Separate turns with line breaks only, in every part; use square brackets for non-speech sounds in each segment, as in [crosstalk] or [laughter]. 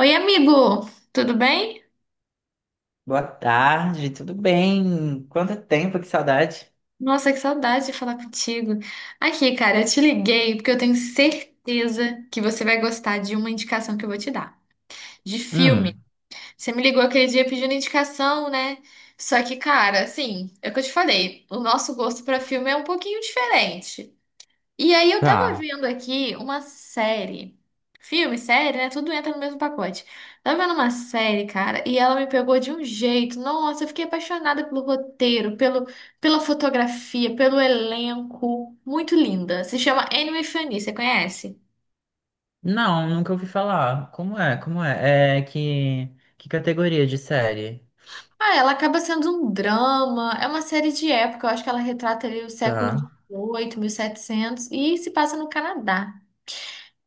Oi, amigo! Tudo bem?
Boa tarde, tudo bem? Quanto tempo, que saudade.
Nossa, que saudade de falar contigo. Aqui, cara, eu te liguei porque eu tenho certeza que você vai gostar de uma indicação que eu vou te dar, de filme.
Hum,
Você me ligou aquele dia pedindo indicação, né? Só que, cara, assim, é o que eu te falei, o nosso gosto pra filme é um pouquinho diferente. E aí eu tava
tá.
vendo aqui uma série. Filme, série, né? Tudo entra no mesmo pacote. Tava vendo uma série, cara, e ela me pegou de um jeito. Nossa, eu fiquei apaixonada pelo roteiro, pela fotografia, pelo elenco. Muito linda. Se chama *Anne Anime Fanny, você conhece?
Não, nunca ouvi falar. Como é? Como é? É que categoria de série?
Ah, ela acaba sendo um drama. É uma série de época. Eu acho que ela retrata ali o século
Tá.
XVIII, setecentos, e se passa no Canadá.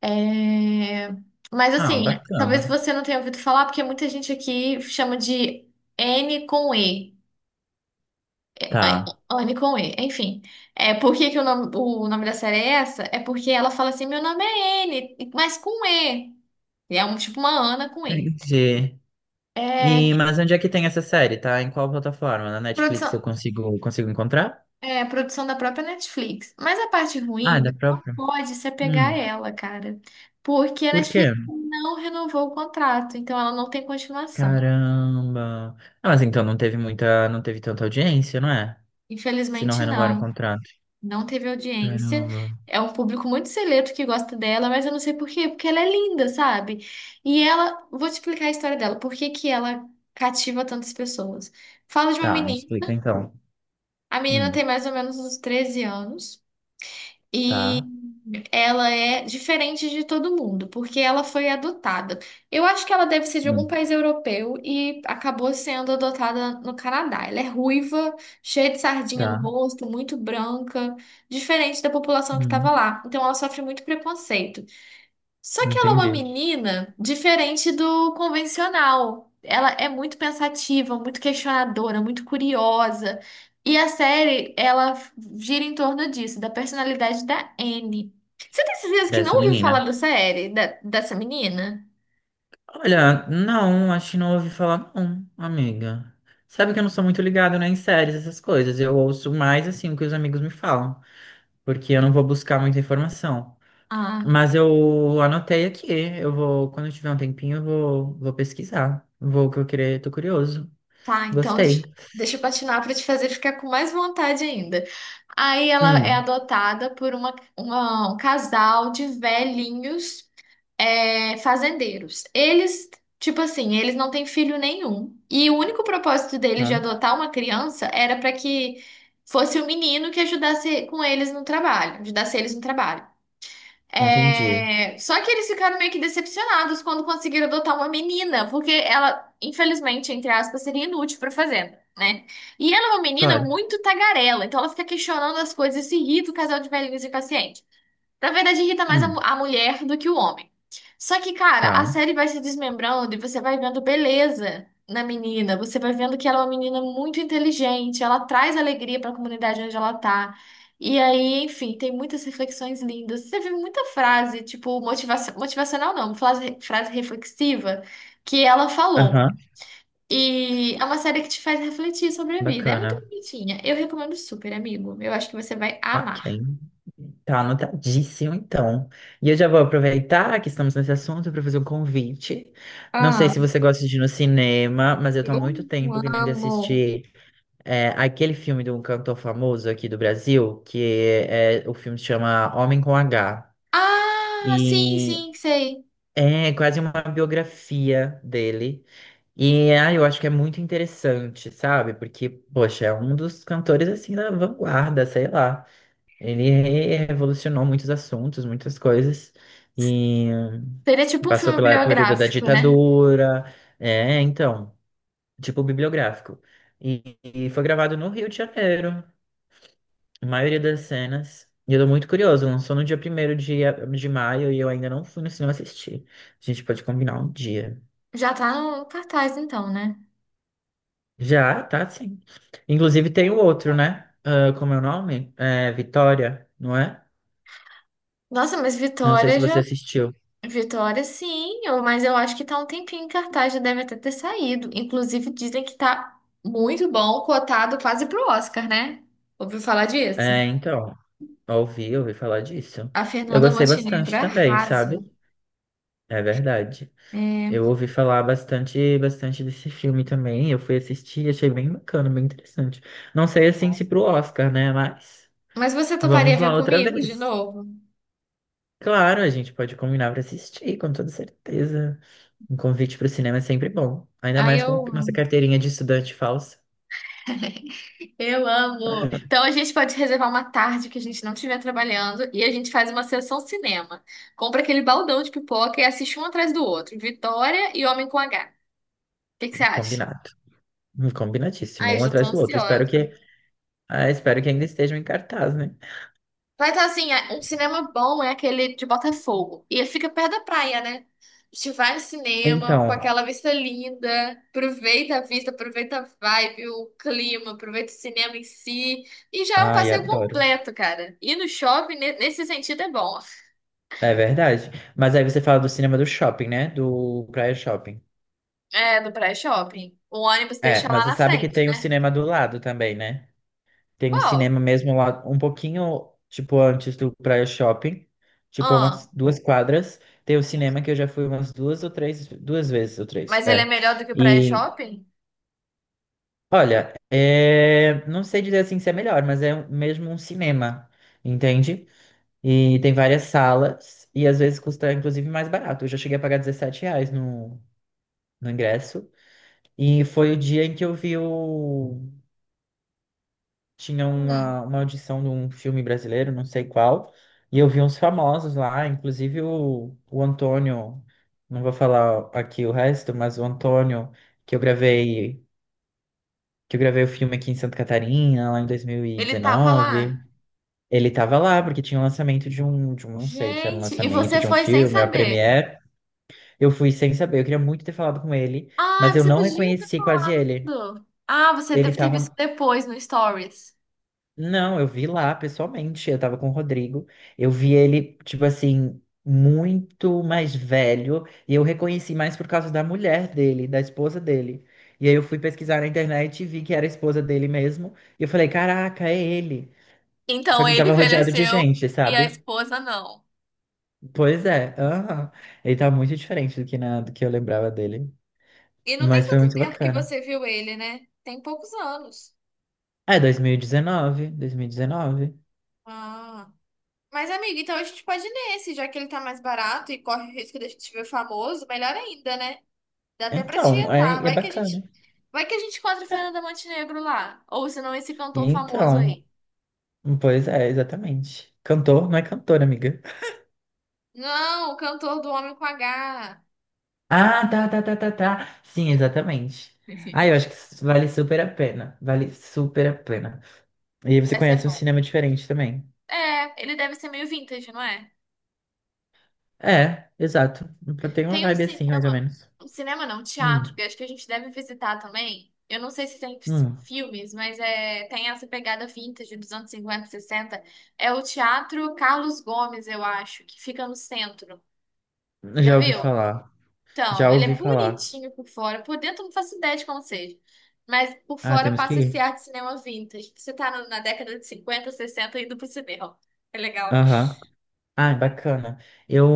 É, mas
Ah,
assim, talvez
bacana.
você não tenha ouvido falar, porque muita gente aqui chama de N com E. É,
Tá.
N com E, enfim. É, por que que o nome da série é essa? É porque ela fala assim, meu nome é N, mas com E. E é um, tipo uma Ana com E.
Entendi. E
É,
mas onde é que tem essa série? Tá? Em qual plataforma? Na Netflix
produção,
eu consigo encontrar?
produção da própria Netflix. Mas a parte
Ah, é
ruim,
da
você não
própria.
pode se apegar
Hum.
a ela, cara. Porque a
Por quê?
Netflix não renovou o contrato, então ela não tem continuação.
Caramba. Ah, mas então não teve tanta audiência, não é? Se não
Infelizmente,
renovaram o
não.
contrato.
Não teve audiência.
Caramba.
É um público muito seleto que gosta dela, mas eu não sei por quê, porque ela é linda, sabe? E ela, vou te explicar a história dela, por que que ela cativa tantas pessoas. Fala de uma
Tá, me
menina,
explica então.
a menina tem
Hum,
mais ou menos uns 13 anos.
tá.
Ela é diferente de todo mundo, porque ela foi adotada. Eu acho que ela deve ser de algum
Hum,
país europeu e acabou sendo adotada no Canadá. Ela é ruiva, cheia de sardinha no
tá.
rosto, muito branca, diferente da população que
Hum,
estava lá. Então ela sofre muito preconceito. Só que ela é uma
entendi.
menina diferente do convencional. Ela é muito pensativa, muito questionadora, muito curiosa. E a série, ela gira em torno disso, da personalidade da Anne. Você tem certeza que não
Dessa
ouviu
menina.
falar da série, dessa menina?
Olha, não, acho que não ouvi falar, não, amiga. Sabe que eu não sou muito ligado, né, em séries, essas coisas. Eu ouço mais, assim, o que os amigos me falam. Porque eu não vou buscar muita informação.
Ah,
Mas eu anotei aqui. Eu vou, quando eu tiver um tempinho, eu vou, vou pesquisar. Vou que eu querer, tô curioso.
tá. Então deixa,
Gostei.
deixa eu patinar para te fazer ficar com mais vontade ainda. Aí ela é
Hum,
adotada por um casal de velhinhos. Fazendeiros. Eles, tipo assim, eles não têm filho nenhum. E o único propósito deles de
tá.
adotar uma criança era para que fosse o menino que ajudasse com eles no trabalho, ajudasse eles no trabalho.
Entendi.
Só que eles ficaram meio que decepcionados quando conseguiram adotar uma menina, porque ela, infelizmente, entre aspas, seria inútil para fazenda, né? E ela é uma menina
Claro.
muito tagarela, então ela fica questionando as coisas e se irrita o casal de velhinhos impacientes. Na verdade, irrita mais a,
Hum,
mu- a mulher do que o homem. Só que, cara, a
tá.
série vai se desmembrando e você vai vendo beleza na menina. Você vai vendo que ela é uma menina muito inteligente, ela traz alegria pra comunidade onde ela tá. E aí, enfim, tem muitas reflexões lindas. Você vê muita frase, tipo, motivacional não, frase reflexiva que ela falou.
Aham.
E é uma série que te faz refletir sobre a vida. É muito
Bacana.
bonitinha. Eu recomendo super, amigo. Eu acho que você vai
Ok.
amar.
Tá anotadíssimo, então. E eu já vou aproveitar que estamos nesse assunto para fazer um convite. Não sei se você gosta de ir no cinema, mas eu tô há muito
Eu
tempo querendo
amo.
assistir aquele filme de um cantor famoso aqui do Brasil, que o filme se chama Homem com H.
Ah, sim,
E
sim, sei.
é quase uma biografia dele. E ah, eu acho que é muito interessante, sabe? Porque, poxa, é um dos cantores assim da vanguarda, sei lá. Ele revolucionou muitos assuntos, muitas coisas, e
Seria tipo um
passou
filme
pela época da
biográfico, né?
ditadura, então, tipo bibliográfico. E foi gravado no Rio de Janeiro, a maioria das cenas. E eu tô muito curioso, lançou no dia primeiro de maio e eu ainda não fui no cinema assistir. A gente pode combinar um dia.
Já tá no cartaz, então, né?
Já, tá, sim. Inclusive tem o outro, né? Ah, como é o nome? É, Vitória, não é?
Nossa, mas
Não sei se
Vitória
você
já.
assistiu.
Vitória, sim, mas eu acho que tá um tempinho em cartaz, já deve até ter saído. Inclusive, dizem que tá muito bom, cotado quase pro Oscar, né? Ouviu falar disso?
É, então. Ouvi falar disso.
A
Eu
Fernanda
gostei
Montenegro
bastante também, sabe?
arrasa.
É verdade.
É,
Eu ouvi falar bastante, bastante desse filme também. Eu fui assistir, achei bem bacana, bem interessante. Não sei assim se pro Oscar, né? Mas
mas você toparia
vamos
ver
lá outra
comigo de
vez.
novo?
Claro, a gente pode combinar para assistir, com toda certeza. Um convite para o cinema é sempre bom. Ainda
Aí
mais com nossa carteirinha de estudante falsa.
eu amo. Então a gente pode reservar uma tarde que a gente não estiver trabalhando e a gente faz uma sessão cinema. Compra aquele baldão de pipoca e assiste um atrás do outro. Vitória e Homem com H. O que que você acha?
Combinado. Combinadíssimo,
Ai, eu
um
já tô
atrás do outro. Espero
ansiosa.
que, ah, espero que ainda estejam em cartaz, né?
Mas assim, um cinema bom é aquele de Botafogo. E ele fica perto da praia, né? A gente vai no cinema com
Então,
aquela vista linda, aproveita a vista, aproveita a vibe, o clima, aproveita o cinema em si. E já é um
ai,
passeio
adoro.
completo, cara. Ir no shopping, nesse sentido, é bom.
É verdade. Mas aí você fala do cinema do shopping, né? Do Praia Shopping.
É, do pré-shopping. O ônibus
É,
deixa
mas
lá
você
na
sabe que
frente,
tem um
né?
cinema do lado também, né? Tem um
Qual?
cinema mesmo lá, um pouquinho, tipo, antes do Praia Shopping, tipo, umas
Ah,
duas quadras. Tem o cinema que eu já fui umas duas ou três, duas vezes ou três,
mas ele é
é.
melhor do que o
E,
pré-shopping?
olha, é... não sei dizer assim se é melhor, mas é mesmo um cinema, entende? E tem várias salas, e às vezes custa, inclusive, mais barato. Eu já cheguei a pagar R$ reais no ingresso. E foi o dia em que eu vi o... Tinha
Hum,
uma audição de um filme brasileiro, não sei qual, e eu vi uns famosos lá, inclusive o Antônio, não vou falar aqui o resto, mas o Antônio, que eu gravei, que eu gravei o filme aqui em Santa Catarina, lá em
Ele tava
2019,
lá.
ele tava lá, porque tinha o lançamento de um, não sei se era um
Gente, e
lançamento
você
de um
foi sem
filme, a
saber.
premiere, eu fui sem saber, eu queria muito ter falado com ele,
Ah,
mas eu
você
não
podia ter
reconheci quase ele.
falado. Ah, você
Ele
deve ter visto
tava
depois no Stories.
Não, eu vi lá pessoalmente. Eu tava com o Rodrigo. Eu vi ele, tipo assim, muito mais velho. E eu reconheci mais por causa da mulher dele, da esposa dele. E aí eu fui pesquisar na internet e vi que era a esposa dele mesmo. E eu falei, caraca, é ele. Só
Então
que ele
ele
tava rodeado de
envelheceu
gente,
e a
sabe?
esposa não.
Pois é. Aham. Ele tá muito diferente do que eu lembrava dele.
E não tem
Mas foi
tanto
muito
tempo que
bacana.
você viu ele, né? Tem poucos anos.
É, dois mil e 2019.
Ah. Mas, amigo, então a gente pode ir nesse, já que ele tá mais barato e corre o risco de a gente ver famoso, melhor ainda, né? Dá até pra
Então, é,
tietar.
é
Vai que a gente,
bacana.
vai que a gente encontra o Fernanda Montenegro lá. Ou senão esse cantor famoso
Então.
aí.
Pois é, exatamente. Cantor não é cantor, amiga.
Não, o cantor do Homem com H.
Ah, tá, tá, tá, tá, tá. Sim, exatamente. Ah,
[laughs]
eu acho que isso vale super a pena. Vale super a pena. E aí você
Vai ser
conhece um
bom.
cinema diferente também.
É, ele deve ser meio vintage, não é?
É, exato. Tem uma
Tem
vibe assim, mais ou menos.
um cinema não, um teatro,
Hum,
que eu acho que a gente deve visitar também. Eu não sei se tem
hum.
filmes, mas tem essa pegada vintage dos anos 50, 60. É o Teatro Carlos Gomes, eu acho, que fica no centro. Já
Já ouvi
viu?
falar.
Então,
Já
ele
ouvi
é
falar.
bonitinho por fora. Por dentro, eu não faço ideia de como seja. Mas por
Ah,
fora
temos que
passa esse
ir.
ar de cinema vintage. Você tá na década de 50, 60 indo pro cinema. É legal.
Aham. Ah, bacana. Eu,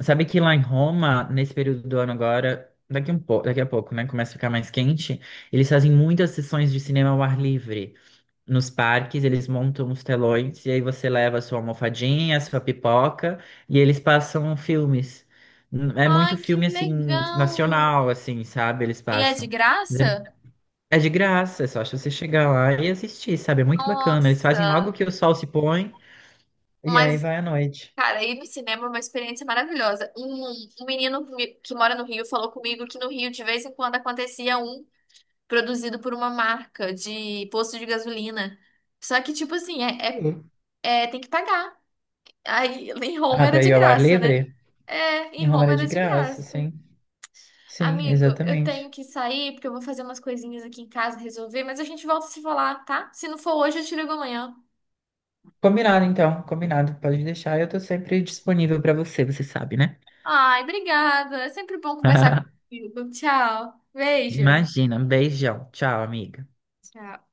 sabe que lá em Roma, nesse período do ano agora, daqui um pouco, daqui a pouco, né, começa a ficar mais quente, eles fazem muitas sessões de cinema ao ar livre. Nos parques, eles montam os telões e aí você leva a sua almofadinha, a sua pipoca e eles passam filmes. É muito
Ai, que
filme assim
legal!
nacional, assim, sabe? Eles
E é de
passam.
graça?
É é de graça, é só você chegar lá e assistir, sabe? É muito bacana. Eles fazem
Nossa!
logo que o sol se põe e aí
Mas,
vai à noite.
cara, ir no cinema é uma experiência maravilhosa. Um menino que mora no Rio falou comigo que no Rio, de vez em quando, acontecia um produzido por uma marca de posto de gasolina. Só que, tipo assim, tem que pagar. Aí, em Roma
Ah,
era
para
de
ir ao ar
graça, né?
livre?
É,
Em
em
Roma
Roma
era
era
de
de
graça,
graça.
sim. Sim,
Amigo, eu tenho
exatamente.
que sair porque eu vou fazer umas coisinhas aqui em casa, resolver, mas a gente volta a se falar, tá? Se não for hoje, eu te ligo amanhã.
Combinado, então. Combinado. Pode deixar. Eu tô sempre disponível para você, você sabe, né?
Ai, obrigada. É sempre bom conversar
[laughs]
contigo. Tchau. Beijo.
Imagina. Um beijão. Tchau, amiga.
Tchau.